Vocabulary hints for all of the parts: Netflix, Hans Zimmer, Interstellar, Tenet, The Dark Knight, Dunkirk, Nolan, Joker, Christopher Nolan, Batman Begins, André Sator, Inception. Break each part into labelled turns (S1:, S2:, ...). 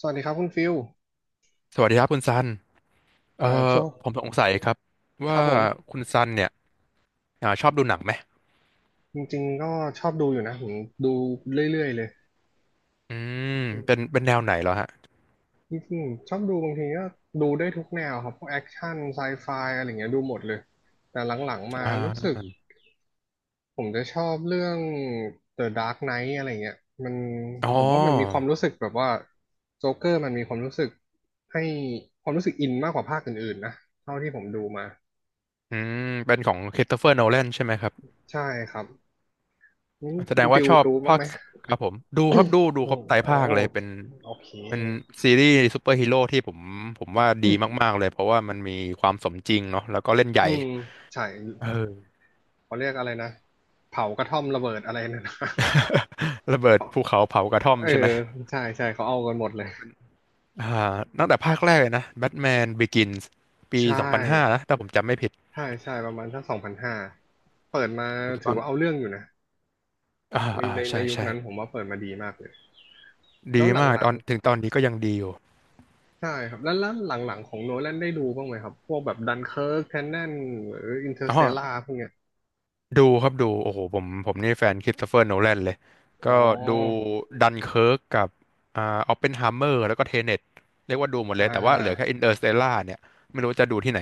S1: สวัสดีครับคุณฟิล
S2: สวัสดีครับคุณซันเอ่อ
S1: ช่วง
S2: ผมสงสัยครับ
S1: ค
S2: ว่า
S1: รับผม
S2: คุณซันเนี่ยชอบดูหนังไหม
S1: จริงๆก็ชอบดูอยู่นะผมดูเรื่อยๆเลย
S2: อืมเป็นแนวไหนเหรอฮะ
S1: จริงๆชอบดูบางทีก็ดูได้ทุกแนวครับพวกแอคชั่นไซไฟอะไรอย่างเงี้ยดูหมดเลยแต่หลังๆมา
S2: อ่
S1: รู้สึก
S2: า
S1: ผมจะชอบเรื่อง The Dark Knight อะไรเงี้ยมัน
S2: อ๋อ
S1: ผมว่ามันมีความรู้สึกแบบว่าโจ๊กเกอร์มันมีความรู้สึกให้ความรู้สึกอินมากกว่าภาคอื่นๆนะเท่าที่ผมดูมา
S2: อืเป็นของค h r i s t เฟอร์โนแลนใช่ไหมครับ
S1: ใช่ครับงั้น
S2: แส
S1: คุ
S2: ด
S1: ณ
S2: งว่า
S1: ฟิล
S2: ชอบ
S1: ดูบ้าง
S2: ภา
S1: ไห
S2: ค
S1: ม
S2: ครับผมดู
S1: อื
S2: ครั
S1: ม
S2: บดูครบไตร
S1: โอ้
S2: ภาคเลยเป็น
S1: โอเค
S2: เป็นซีรีส์ซูเปอร์ฮีโร่ที่ผมว่าดีมากๆเลยเพราะว่ามันมีความสมจริงเนาะแล้วก็เล่นให
S1: อื
S2: ญ่
S1: มใช่
S2: เออ
S1: เขาเรียกอะไรนะเผากระท่อมระเบิดอะไรน่นะ
S2: ระเบิดภูเขาเผากระท่อม
S1: เออ
S2: ใช่ไหม
S1: ใช่ใช่เขาเอากันหมดเลย
S2: อ่าตั้งแต่ภาคแรกเลยนะแบทแมนบิกินส์ปี
S1: ใช่
S2: 2005นะถ้าผมจำไม่ผิด
S1: ใช่ใช่ประมาณสักสองพันห้าเปิดมา
S2: คุณ
S1: ถือ
S2: ต้น
S1: ว่าเอาเรื่องอยู่นะ
S2: อ่า
S1: ใน
S2: อ่า
S1: ในใน
S2: ใช่
S1: ยุค
S2: ใช่
S1: นั้นผมว่าเปิดมาดีมากเลย แล้
S2: ดี
S1: วห
S2: มาก
S1: ลั
S2: ต
S1: ง
S2: อนถึงตอนนี้ก็ยังดีอยู่
S1: ๆใช่ครับ แล้วหลังๆของโนแลนได้ดูบ้างไหมครับ พวกแบบดันเคิร์กแทนแนนหรืออินเตอร์
S2: อ๋
S1: ส
S2: อ
S1: เตลล่าพวกเนี้ย
S2: ดูครับดูโอ้โหผมนี่แฟนคริสโตเฟอร์โนแลนเลยก็
S1: อ๋อ
S2: ดูดันเคิร์กกับอ่าออปเพนไฮเมอร์แล้วก็เทเน็ตเรียกว่าดูหมด
S1: อ่
S2: เลยแต่ว่าเหลือแค่อิน
S1: า
S2: เตอร์สเตล่าเนี่ยไม่รู้จะดูที่ไหน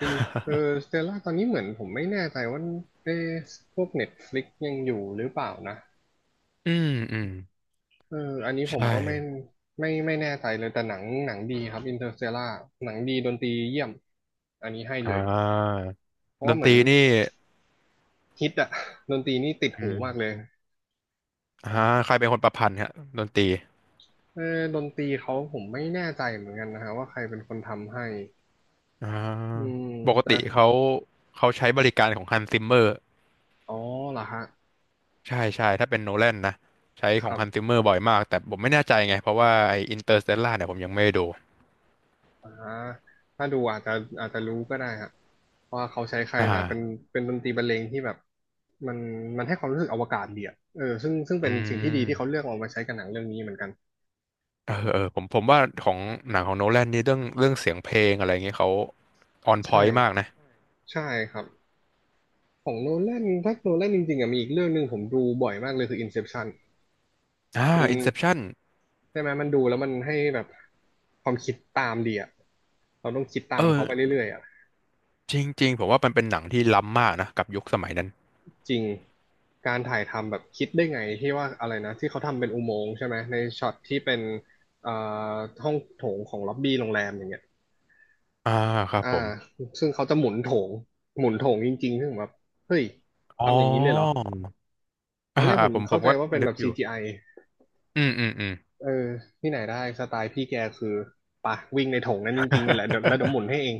S1: อินเ r อร์สเตลล่าตอนนี้เหมือนผมไม่แน่ใจว่าเอ๊ะพวกเน็ตฟลิกยังอยู่หรือเปล่านะ
S2: อืมอืม
S1: เอออันนี้ผม
S2: ใช่
S1: ก็ไม่ไม่แน่ใจเลยแต่หนังหนังดีครับอินเ r อร์สเตลล่าหนังดีดนตรีเยี่ยมอันนี้ให้
S2: อ่
S1: เลย
S2: า
S1: เพราะ
S2: ด
S1: ว่า
S2: น
S1: เห
S2: ต
S1: มือน
S2: รีนี่
S1: ฮิตอะดนตรีนี่ติด
S2: อื
S1: หู
S2: ม
S1: มากเลย
S2: อ่าใครเป็นคนประพันธ์ฮะดนตรี
S1: เออดนตรีเขาผมไม่แน่ใจเหมือนกันนะฮะว่าใครเป็นคนทำให้
S2: อ่า
S1: อืม
S2: ปก
S1: แต่
S2: ติเขาใช้บริการของฮันซิมเมอร์
S1: อ๋อเหรอฮะ
S2: ใช่ใช่ถ้าเป็นโนแลนนะใช้
S1: ค
S2: ของ
S1: รั
S2: ฮันซิ
S1: บ
S2: มเมอร์บ่อยมากแต่ผมไม่แน่ใจไงเพราะว่าไออินเตอร์สเตลล่าเนี่ยผมยังไม่ได้ดู
S1: อ่าถ้าดูอาจจะอาจจะรู้ก็ได้ฮะว่าเขาใช้ใคร
S2: อ่า
S1: แต่เป็นเป็นดนตรีบรรเลงที่แบบมันมันให้ความรู้สึกอวกาศดีอะเออซึ่ง
S2: อื
S1: เป็นสิ่งที่ดีที่เขาเลื
S2: ม
S1: อกเอามาใช้กับหนังเรื่องนี้เหมือนกัน
S2: เออเออผมว่าของหนังของโนแลนนี่เรื่องเสียงเพลงอะไรเงี้ยเขาออนพ
S1: ใช่
S2: อยต์มากนะ
S1: ใช่ครับของโนแลนถ้าโนแลนจริงๆอะมีอีกเรื่องหนึ่งผมดูบ่อยมากเลยคือ Inception
S2: อ่า
S1: มัน
S2: อินเซปชัน
S1: ใช่ไหมมันดูแล้วมันให้แบบความคิดตามดีอะเราต้องคิด
S2: เอ
S1: ตามเขา
S2: อ
S1: ไปเรื่อยๆอะ
S2: จริงๆผมว่ามันเป็นหนังที่ล้ำมากนะกับยุคสมัยนั้น
S1: จริงการถ่ายทำแบบคิดได้ไงที่ว่าอะไรนะที่เขาทำเป็นอุโมงค์ใช่ไหมในช็อตที่เป็นเอ่อห้องโถงของล็อบบี้โรงแรมอย่างเงี้ย
S2: อ่าครับ
S1: อ่า
S2: ผม
S1: ซึ่งเขาจะหมุนโถงหมุนโถงจริงๆซึ่งแบบเฮ้ย
S2: อ๋อ
S1: ทำอย่างนี้เลยเหรอตอ
S2: อ่า
S1: นแรก
S2: อ่า
S1: ผม
S2: ผมผ
S1: เข้า
S2: ม
S1: ใจ
S2: ก็
S1: ว่าเป็น
S2: นึ
S1: แบ
S2: ก
S1: บ
S2: อยู่
S1: CGI
S2: อืมอืมอืม
S1: เออที่ไหนได้สไตล์พี่แกคือปะวิ่งในโถงนั้นจริงๆเนี่ยแหละเดี๋ยวแล้วเดี๋ย วหมุนให้เอง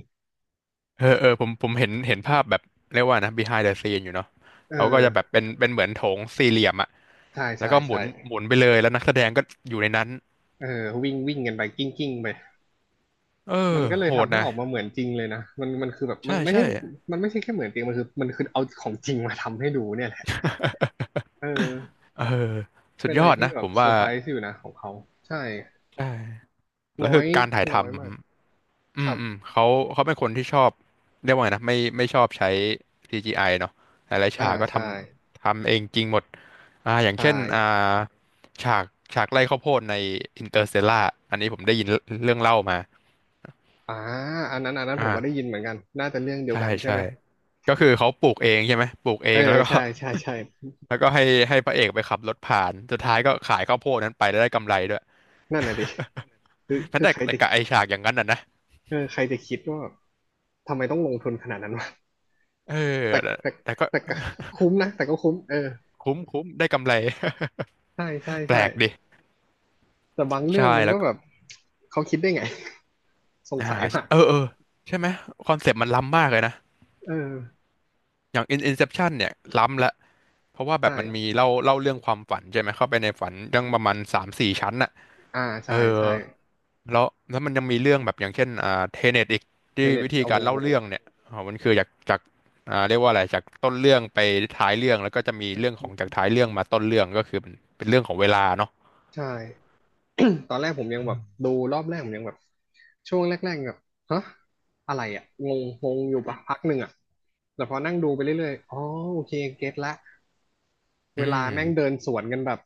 S2: เออเออผมเห็นภาพแบบเรียกว่านะ behind the scene อยู่เนาะ
S1: เอ
S2: เขาก็จะแบบ
S1: อ
S2: เป็นเหมือนโถงสี่เหลี่ยมอะ
S1: ใช่
S2: แล้ว
S1: ใช่
S2: ก็หมุ
S1: ใช่
S2: นหมุนไปเลยแล้วนักแสดงก็อยู่ในนั้น
S1: เออวิ่งวิ่งกันไปกิ้งกิ้งไป
S2: เออ
S1: มันก็เลย
S2: โหด
S1: ทำให้
S2: นะ
S1: ออกมาเหมือนจริงเลยนะมันคือแบบมัน
S2: ใช่
S1: ไม่ใช่
S2: ใช่
S1: มันไม่ใช่แค่เหมือนจริงมันคือมันคือเอาของจริงมาทำให้ดูเนี่ยแหละเออ
S2: เออสุ
S1: เป็
S2: ด
S1: น
S2: ย
S1: อะไร
S2: อด
S1: ที่
S2: นะ
S1: แบ
S2: ผ
S1: บ
S2: ม
S1: เซอ
S2: ว่า
S1: ร์ไพรส์อยู่นะของเขาใช่
S2: ใช่แล้
S1: น้
S2: ว
S1: อ
S2: คือ
S1: ย
S2: การถ่ายท
S1: น้อยมาก
S2: ำ
S1: ครับ
S2: เขาเป็นคนที่ชอบเรียกว่าไงนะไม่ชอบใช้ CGI เนาะหลายๆฉากก็ท
S1: ใช่
S2: ำทำเองจริงหมดอย่าง
S1: ใช่
S2: เช่นฉากไร่ข้าวโพดใน Interstellar อันนี้ผมได้ยินเรื่องเล่ามา
S1: อ่าอันนั้นอันนั้นผมก็ได้
S2: อ่า
S1: ยินเหมือนกันน่าจะเรื่องเดียว
S2: ใช่
S1: กันใช่
S2: ใช่
S1: ไหม
S2: ก็คือเขาปลูกเองใช่ไหมปลูกเอ
S1: เออ
S2: งแล้วก็
S1: ใช่ใช่ใช่
S2: แล้วก็ให้พระเอกไปขับรถผ่านสุดท้ายก็ขายข้าวโพดนั้นไปแล้วได้กำไรด้วย
S1: นั่นน่ะดิคือ
S2: นั่น
S1: คือ
S2: แต่
S1: ใคร
S2: แต่
S1: จะ
S2: กับไอฉากอย่างนั้นน่ะนะ
S1: เออใครจะคิดว่าทำไมต้องลงทุนขนาดนั้นวะ
S2: เออ
S1: แต่
S2: แต่
S1: แต่
S2: แต่ก็
S1: แต่ก็ คุ้มนะแต่ก็คุ้มเออ
S2: คุ้มคุ้มได้กำไร
S1: ใช่ใช่
S2: แปล
S1: ใช่
S2: กดิ
S1: แต่บางเรื่
S2: ใช่
S1: องมัน
S2: แล้
S1: ก็
S2: วก็
S1: แบบเขาคิดได้ไง สง
S2: อ่า
S1: สัย
S2: ใช่
S1: มาก
S2: เออเออ ใช่ไหมคอนเซปต์มันล้ำมากเลยนะ
S1: เออ
S2: อย่าง In Inception เนี่ยล้ำละเพราะว่าแบ
S1: ใช่
S2: บมันมีเล่าเรื่องความฝันใช่ไหม เข้าไปในฝันเรื่องประมาณสามสี่ชั้นน่ะ
S1: อ่าใช่
S2: เออ
S1: ใช่
S2: แล้วมันยังมีเรื่องแบบอย่างเช่นเทเน็ตอีก
S1: เท
S2: ที่
S1: เน็ต
S2: วิธี
S1: โอ้
S2: กา
S1: โห
S2: รเล่าเรื่องเนี่ยอ๋อมันคือจากเรียกว่าอะไร จากต้นเรื่องไปท้ายเรื่อง แล้วก็จะมีเรื่องของจากท้ายเรื่องมาต้นเรื่องก็คือเป็นเรื่องของเวลาเนาะ
S1: ใช่ ตอนแรกผมยังแบบดูรอบแรกผมยังแบบช่วงแรกๆแบบฮะอะไรอ่ะงงงงอยู่ปะพักหนึ่งอ่ะแต่พอนั่งดูไปเรื่อยๆอ๋อโอเคเก็ตละ
S2: อื
S1: เวลา
S2: ม
S1: แม่งเดินสวนกันแบบ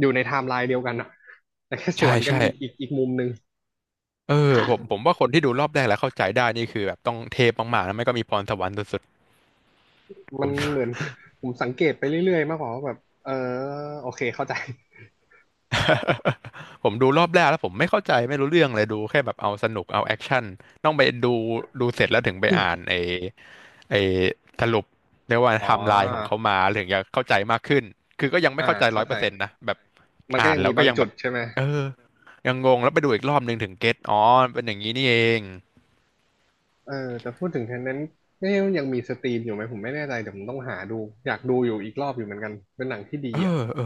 S1: อยู่ในไทม์ไลน์เดียวกันอ่ะ แต่แค่ส
S2: ใช่
S1: วนกัน
S2: ใช่
S1: อีกอีกมุมหนึ่ง
S2: เออผมว่าคนที่ดูรอบแรกแล้วเข้าใจได้นี่คือแบบต้องเทพมากๆแล้ไม่ก็มีพรสวรรค์สุดๆผ
S1: มัน
S2: ม
S1: เหมือน ผมสังเกตไปเรื่อยๆมากกว่าว่าแบบเออโอเคเข้าใจ
S2: ผมดูรอบแรกแล้วผมไม่เข้าใจไม่รู้เรื่องเลยดูแค่แบบเอาสนุกเอาแอคชั่นต้องไปดูดูเสร็จแล้วถึงไปอ่าน ไอ้ไอ้สรุปเรียกว่า
S1: อ๋อ
S2: ไทม์ไลน์ของเขามาถึงจะเข้าใจมากขึ้นคือก็ยังไม่
S1: อ่า
S2: เข้าใจร้
S1: เข้า
S2: อย
S1: ใจ
S2: เปอร์เซ็นต์นะแบบ
S1: มันก็
S2: อ่าน
S1: ยัง
S2: แล้
S1: มี
S2: วก็
S1: บาง
S2: ยัง
S1: จุ
S2: แบ
S1: ด
S2: บ
S1: ใช่ไหม
S2: เออยังงงแล้วไปดูอีกรอบหนึ่งถึงเก็ตอ๋อเป็นอย่างนี้นี่เอง
S1: เออแต่พูดถึงแทนนั้นเนี่ยยังมีสตรีมอยู่ไหมผมไม่แน่ใจเดี๋ยวผมต้องหาดูอยากดูอยู่อีกรอบอยู่เหมือนกันเป็นหนังที่ดี
S2: เอ
S1: อ่ะ
S2: อเออ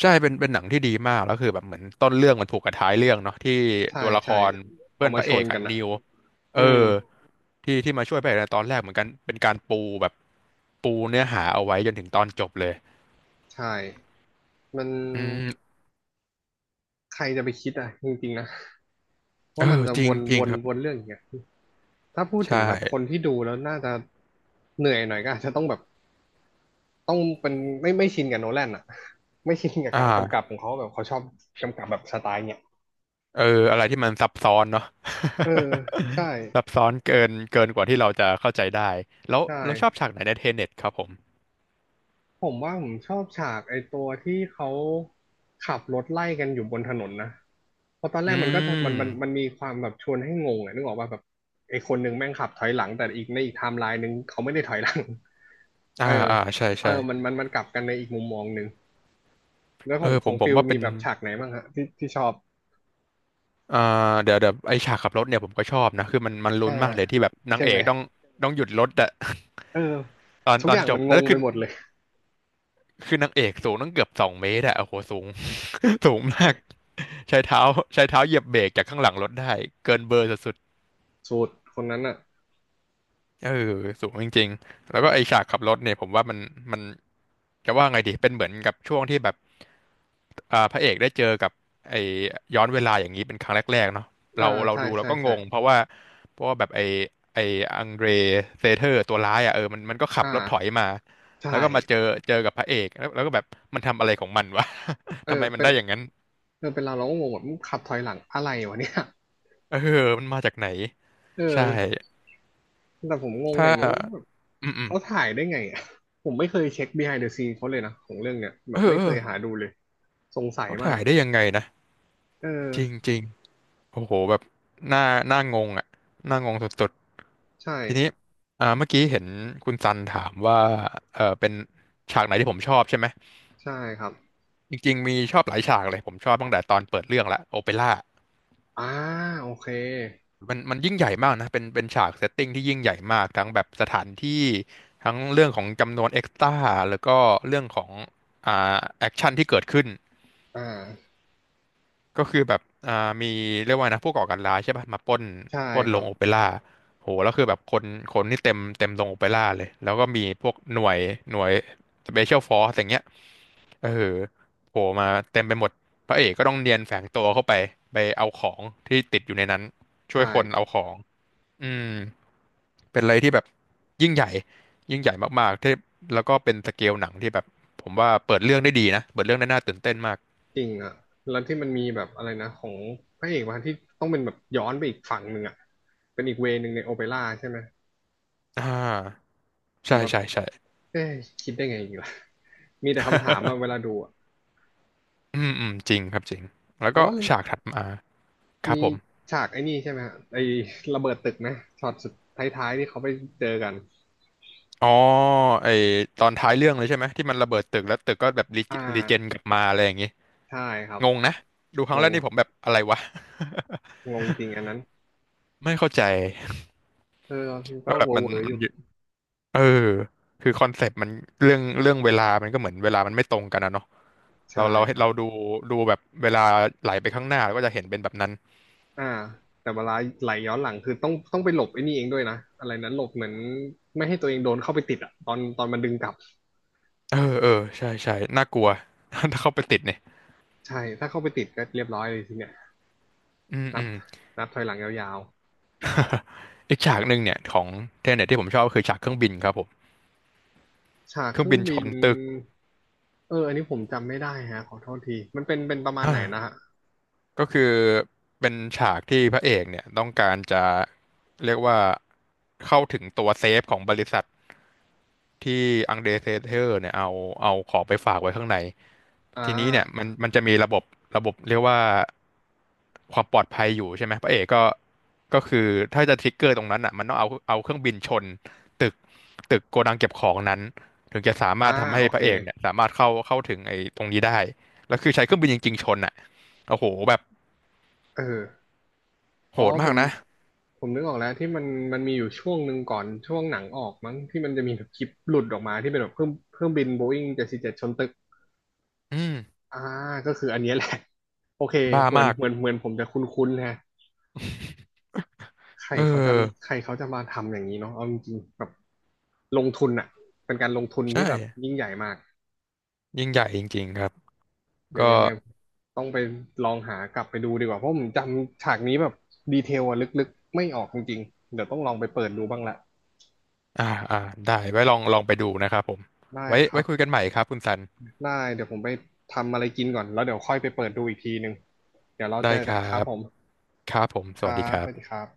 S2: ใช่เป็นหนังที่ดีมากแล้วคือแบบเหมือนต้นเรื่องมันผูกกับท้ายเรื่องเนาะที่
S1: ใช่
S2: ตัวละค
S1: ใช่
S2: ร
S1: เอา
S2: เพื่อน
S1: มา
S2: พระ
S1: ช
S2: เอ
S1: น
S2: ก
S1: กั
S2: อะ
S1: นอ่ะ
S2: นิวเอ
S1: อื
S2: อ
S1: ม
S2: ที่มาช่วยพระเอกในตอนแรกเหมือนกันเป็นการปูแบบปูเนื้อหาเอาไว้จนถึงตอนจบเลย
S1: ใช่ มัน
S2: อืม
S1: ใครจะไปคิดอ่ะจริงๆนะ
S2: เอ
S1: ว่ามัน
S2: อ
S1: จะ
S2: จ
S1: ว
S2: ริง
S1: น
S2: จริ
S1: ว
S2: ง
S1: น
S2: ครับ
S1: วนเรื่องอย่างเงี้ยถ้าพูดถึง
S2: ใช่
S1: แบบคนที่ดูแล้วน่าจะเหนื่อยหน่อยก็อาจจะต้องแบบต้องเป็นไม่ชินกับโนแลนอ่ะไม่ชินกับ
S2: อ่
S1: การกำกับ
S2: า
S1: ของเขาแบบเขาชอบกำกับแบบสไตล์เนี้ย
S2: เอออะไรที่มันซับซ้อนเนาะ
S1: เออใช่
S2: ซับซ้อนเกินกว่าที่เราจะเข้าใจได้แล้ว
S1: ใช่
S2: เราชอบฉากไหนในเทเน็ตครับผม
S1: ผมว่าผมชอบฉากไอ้ตัวที่เขาขับรถไล่กันอยู่บนถนนนะเพราะตอนแร
S2: อื
S1: กมันก็จะมัน
S2: ม
S1: มีความแบบชวนให้งงอะนึกออกว่าแบบไอ้คนหนึ่งแม่งขับถอยหลังแต่อีกในอีกไทม์ไลน์หนึ่งเขาไม่ได้ถอยหลัง
S2: อ่า
S1: เออ
S2: อ่าใช่
S1: เออ
S2: ใช่
S1: มันกลับกันในอีกมุมมองหนึ่งแล้วข
S2: เอ
S1: อง
S2: อ
S1: ข
S2: ผ
S1: อ
S2: ม
S1: ง
S2: ผม
S1: ฟิล
S2: ว่าเป็
S1: มี
S2: น
S1: แบบฉากไหนบ้างฮะที่ชอบ
S2: อ่เดี๋ยวไอฉากขับรถเนี่ยผมก็ชอบนะคือมันลุ้
S1: อ่า
S2: นมากเลยที่แบบนา
S1: ใช่
S2: งเอ
S1: ไหม
S2: กต้องหยุดรถอะ
S1: เออ
S2: ตอน
S1: ทุก
S2: ต
S1: อ
S2: อน
S1: ย่าง
S2: จ
S1: มั
S2: บ
S1: นง
S2: แล้ว
S1: งไป
S2: คือ
S1: หมดเลย
S2: คือนางเอกสูงตั้งเกือบ2 เมตรอะโอ้โหสูง สูงมาก
S1: ใช่
S2: ใช้เท้าใช้เท้าเหยียบเบรกจากข้างหลังรถได้เกินเบอร์สุด
S1: สูตรคนนั้นอ่ะ
S2: เออสูงจริงๆ แล้วก็ไอฉากขับรถเนี่ยผมว่ามันจะว่าไงดีเป็นเหมือนกับช่วงที่แบบพระเอกได้เจอกับไอย้อนเวลาอย่างนี้เป็นครั้งแรกๆเนาะ
S1: อ่า
S2: เรา
S1: ใช่
S2: ดูเรา
S1: ใช่
S2: ก็งงเพ
S1: ใช่
S2: ราะว่าเพราะว่าแบบไอไออังเดรเซเทอร์ตัวร้ายอ่ะเออมันก็ขับ
S1: อ่า
S2: รถถอยมา
S1: ใช่
S2: แล้วก็มาเจอกับพระเอกแล้วก็แบบมันทำอะไรของมันวะ
S1: เอ
S2: ทำ
S1: อ
S2: ไมมัน
S1: เป็น
S2: ได้อย่างนั้น
S1: เออเป็นเราก็งงแบบมึงขับถอยหลังอะไรวะเนี่ย
S2: เออมันมาจากไหน
S1: เอ
S2: ใช่
S1: อแต่ผมงงอ
S2: ถ้า
S1: ย่างนึงว่าแบบ
S2: อืม
S1: เขาถ่ายได้ไงอ่ะผมไม่เคยเช็ค behind the scene เขาเลยนะของเรื่องเนี้ยแบ
S2: เอ
S1: บ
S2: อ
S1: ไม่
S2: เอ
S1: เค
S2: อ
S1: ยหาดูเลยสงสัย
S2: เขา
S1: มา
S2: ถ่า
S1: ก
S2: ยได้ยังไงนะ
S1: เออ
S2: จริงจริง โอ้โหแบบหน้างงอ่ะหน้างงสุด
S1: ใช่
S2: ๆทีนี้เมื่อกี้เห็นคุณซันถามว่าเออเป็นฉากไหนที่ผมชอบใช่ไหม
S1: ใช่ครับ
S2: จริงๆมีชอบหลายฉากเลยผมชอบตั้งแต่ตอนเปิดเรื่องละโอเปร่า
S1: อ่าโอเค
S2: มันยิ่งใหญ่มากนะเป็นฉากเซตติ้งที่ยิ่งใหญ่มากทั้งแบบสถานที่ทั้งเรื่องของจำนวนเอ็กซ์ตร้าแล้วก็เรื่องของแอคชั่นที่เกิดขึ้น
S1: อ่า
S2: ก็คือแบบอ่ามีเรียกว่านะผู้ก่อการร้ายใช่ป่ะมาปล้น
S1: ใช่
S2: ปล้น
S1: ค
S2: โร
S1: รั
S2: ง
S1: บ
S2: โอเปร่าโหแล้วคือแบบคนนี่เต็มโรงโอเปร่าเลยแล้วก็มีพวกหน่วยสเปเชียลฟอร์สอย่างเงี้ยเออโผล่มาเต็มไปหมดพระเอกก็ต้องเนียนแฝงตัวเข้าไปไปเอาของที่ติดอยู่ในนั้น
S1: ใ
S2: ช่วยคนเอา
S1: ช่
S2: ของอืมเป็นอะไรที่แบบยิ่งใหญ่ยิ่งใหญ่มากๆที่แล้วก็เป็นสเกลหนังที่แบบผมว่าเปิดเรื่องได้ดีนะเปิดเรื่องได้น่าตื่นเต้นมาก
S1: จริงอ่ะแล้วที่มันมีแบบอะไรนะของพระเอกมาที่ต้องเป็นแบบย้อนไปอีกฝั่งหนึ่งอ่ะเป็นอีกเวย์หนึ่งในโอเปร่าใช่ไหม
S2: อ่า
S1: ผม
S2: ใช่
S1: แบบ
S2: ใช่ใช่
S1: เอ้ย คิดได้ไงอีกล่ะ มีแต่คำถามอะเวลาดูอะ
S2: อืมอืมจริงครับจริงแล้ว
S1: แต่
S2: ก็
S1: ว่า
S2: ฉากถัดมาครั
S1: มี
S2: บผม
S1: ฉากไอ้นี่ใช่ไหมฮะไอ้ระเบิดตึกนะช็อตสุดท้ายๆที่เขาไปเจอกัน
S2: อ๋อไอตอนท้ายเรื่องเลยใช่ไหมที่มันระเบิดตึกแล้วตึกก็แบบรี
S1: อ่า
S2: รีเจนกลับมาอะไรอย่างงี้
S1: ใช่ครับ
S2: งงนะดูครั้
S1: ง
S2: งแรก
S1: ง
S2: นี่ผมแบบอะไรวะ
S1: งงจริงอันนั้น
S2: ไม่เข้าใจ
S1: เออก็
S2: ว่าแบ
S1: เว
S2: บ
S1: อ
S2: มั
S1: ร์
S2: น
S1: เวอร์อ
S2: มัน
S1: ยู่
S2: อยู่เออคือคอนเซปต์มันเรื่องเวลามันก็เหมือนเวลามันไม่ตรงกันนะเนาะ
S1: ใช่
S2: เราเรา
S1: ครับ
S2: เราดูดูแบบเวลาไหลไปข้างหน้าเราก็จะเห็นเป็นแบบนั้น
S1: อ่าแต่เวลาไหลย้อนหลังคือต้องไปหลบไอ้นี่เองด้วยนะอะไรนั้นหลบเหมือนไม่ให้ตัวเองโดนเข้าไปติดอะตอนมันดึงกลับ
S2: เออเออใช่ใช่น่ากลัว ถ้าเข้าไปติดเนี่ย
S1: ใช่ถ้าเข้าไปติดก็เรียบร้อยเลยทีเนี้ย
S2: อืม
S1: นั
S2: อื
S1: บ
S2: ม
S1: นับถอยหลังยาว
S2: อีกฉากหนึ่งเนี่ยของเทเน็ตที่ผมชอบก็คือฉากเครื่องบินครับผม
S1: ฉาก
S2: เค
S1: เค
S2: รื่อง
S1: รื่อ
S2: บิ
S1: ง
S2: นช
S1: บิน
S2: นตึก
S1: เอออันนี้ผมจำไม่ได้ฮะขอโทษทีมันเป็นประมาณไหนนะ
S2: อ่า
S1: ฮะ
S2: ก็คือเป็นฉากที่พระเอกเนี่ยต้องการจะเรียกว่าเข้าถึงตัวเซฟของบริษัท ที่อังเดรเซเทอร์เนี่ยเอาของไปฝากไว้ข้างใน
S1: อ่
S2: ทีนี้เนี่ยมั
S1: า
S2: นมันจะมีระบบเรียกว่าความปลอดภัยอยู่ใช่ไหมพระเอกก็ก็คือถ้าจะทริกเกอร์ตรงนั้นอ่ะมันต้องเอาเครื่องบินชนตึกตึกโกดังเก็บของนั้นถึงจะสา
S1: อ่า
S2: มารถทำให้
S1: โอ
S2: พ
S1: เค
S2: ระเอกเนี่ยสามารถเข้าถึงไอ้ตรงนี้ได้แล้วคือใช้เครื่องบินจริงๆชนอ่ะโอ้โหแบบ
S1: เออ
S2: โห
S1: อ๋อ
S2: ด
S1: ผ
S2: มาก
S1: ม
S2: นะ
S1: ผมนึกออกแล้วที่มันมีอยู่ช่วงหนึ่งก่อนช่วงหนังออกมั้งที่มันจะมีแบบคลิปหลุดออกมาที่เป็นแบบเครื่องบินโบอิ้ง747ชนตึก
S2: อืม
S1: อ่าก็คืออันเนี้ยแหละโอเค
S2: บ้า
S1: เหมือน
S2: มาก
S1: เหมือนเหมือนผมจะคุ้นๆฮะใคร
S2: เอ
S1: เขาจะใค
S2: อ
S1: รเขาจะมาทำอย่างนี้เนาะเอาจริงๆแบบลงทุนอะเป็นการลงทุน
S2: ใช
S1: ที่แบบ
S2: ่
S1: ยิ่งใหญ่มาก
S2: ยิ่งใหญ่จริงๆครับ
S1: เดี๋ย
S2: ก็
S1: วยังไงต้องไปลองหากลับไปดูดีกว่าเพราะผมจำฉากนี้แบบดีเทลอะลึกๆไม่ออกจริงๆเดี๋ยวต้องลองไปเปิดดูบ้างละ
S2: อ่าอ่าได้ไว้ลองไปดูนะครับผม
S1: ได้
S2: ไว้
S1: ครั
S2: ไว้
S1: บ
S2: คุยกันใหม่ครับคุณซัน
S1: ได้เดี๋ยวผมไปทำอะไรกินก่อนแล้วเดี๋ยวค่อยไปเปิดดูอีกทีหนึ่งเดี๋ยวเราเจ
S2: ได้
S1: อ
S2: ค
S1: กันค
S2: รั
S1: รับ
S2: บ
S1: ผม
S2: ครับผมส
S1: ครั
S2: วัสดีค
S1: บ
S2: รั
S1: สวัสดี
S2: บ
S1: ครับ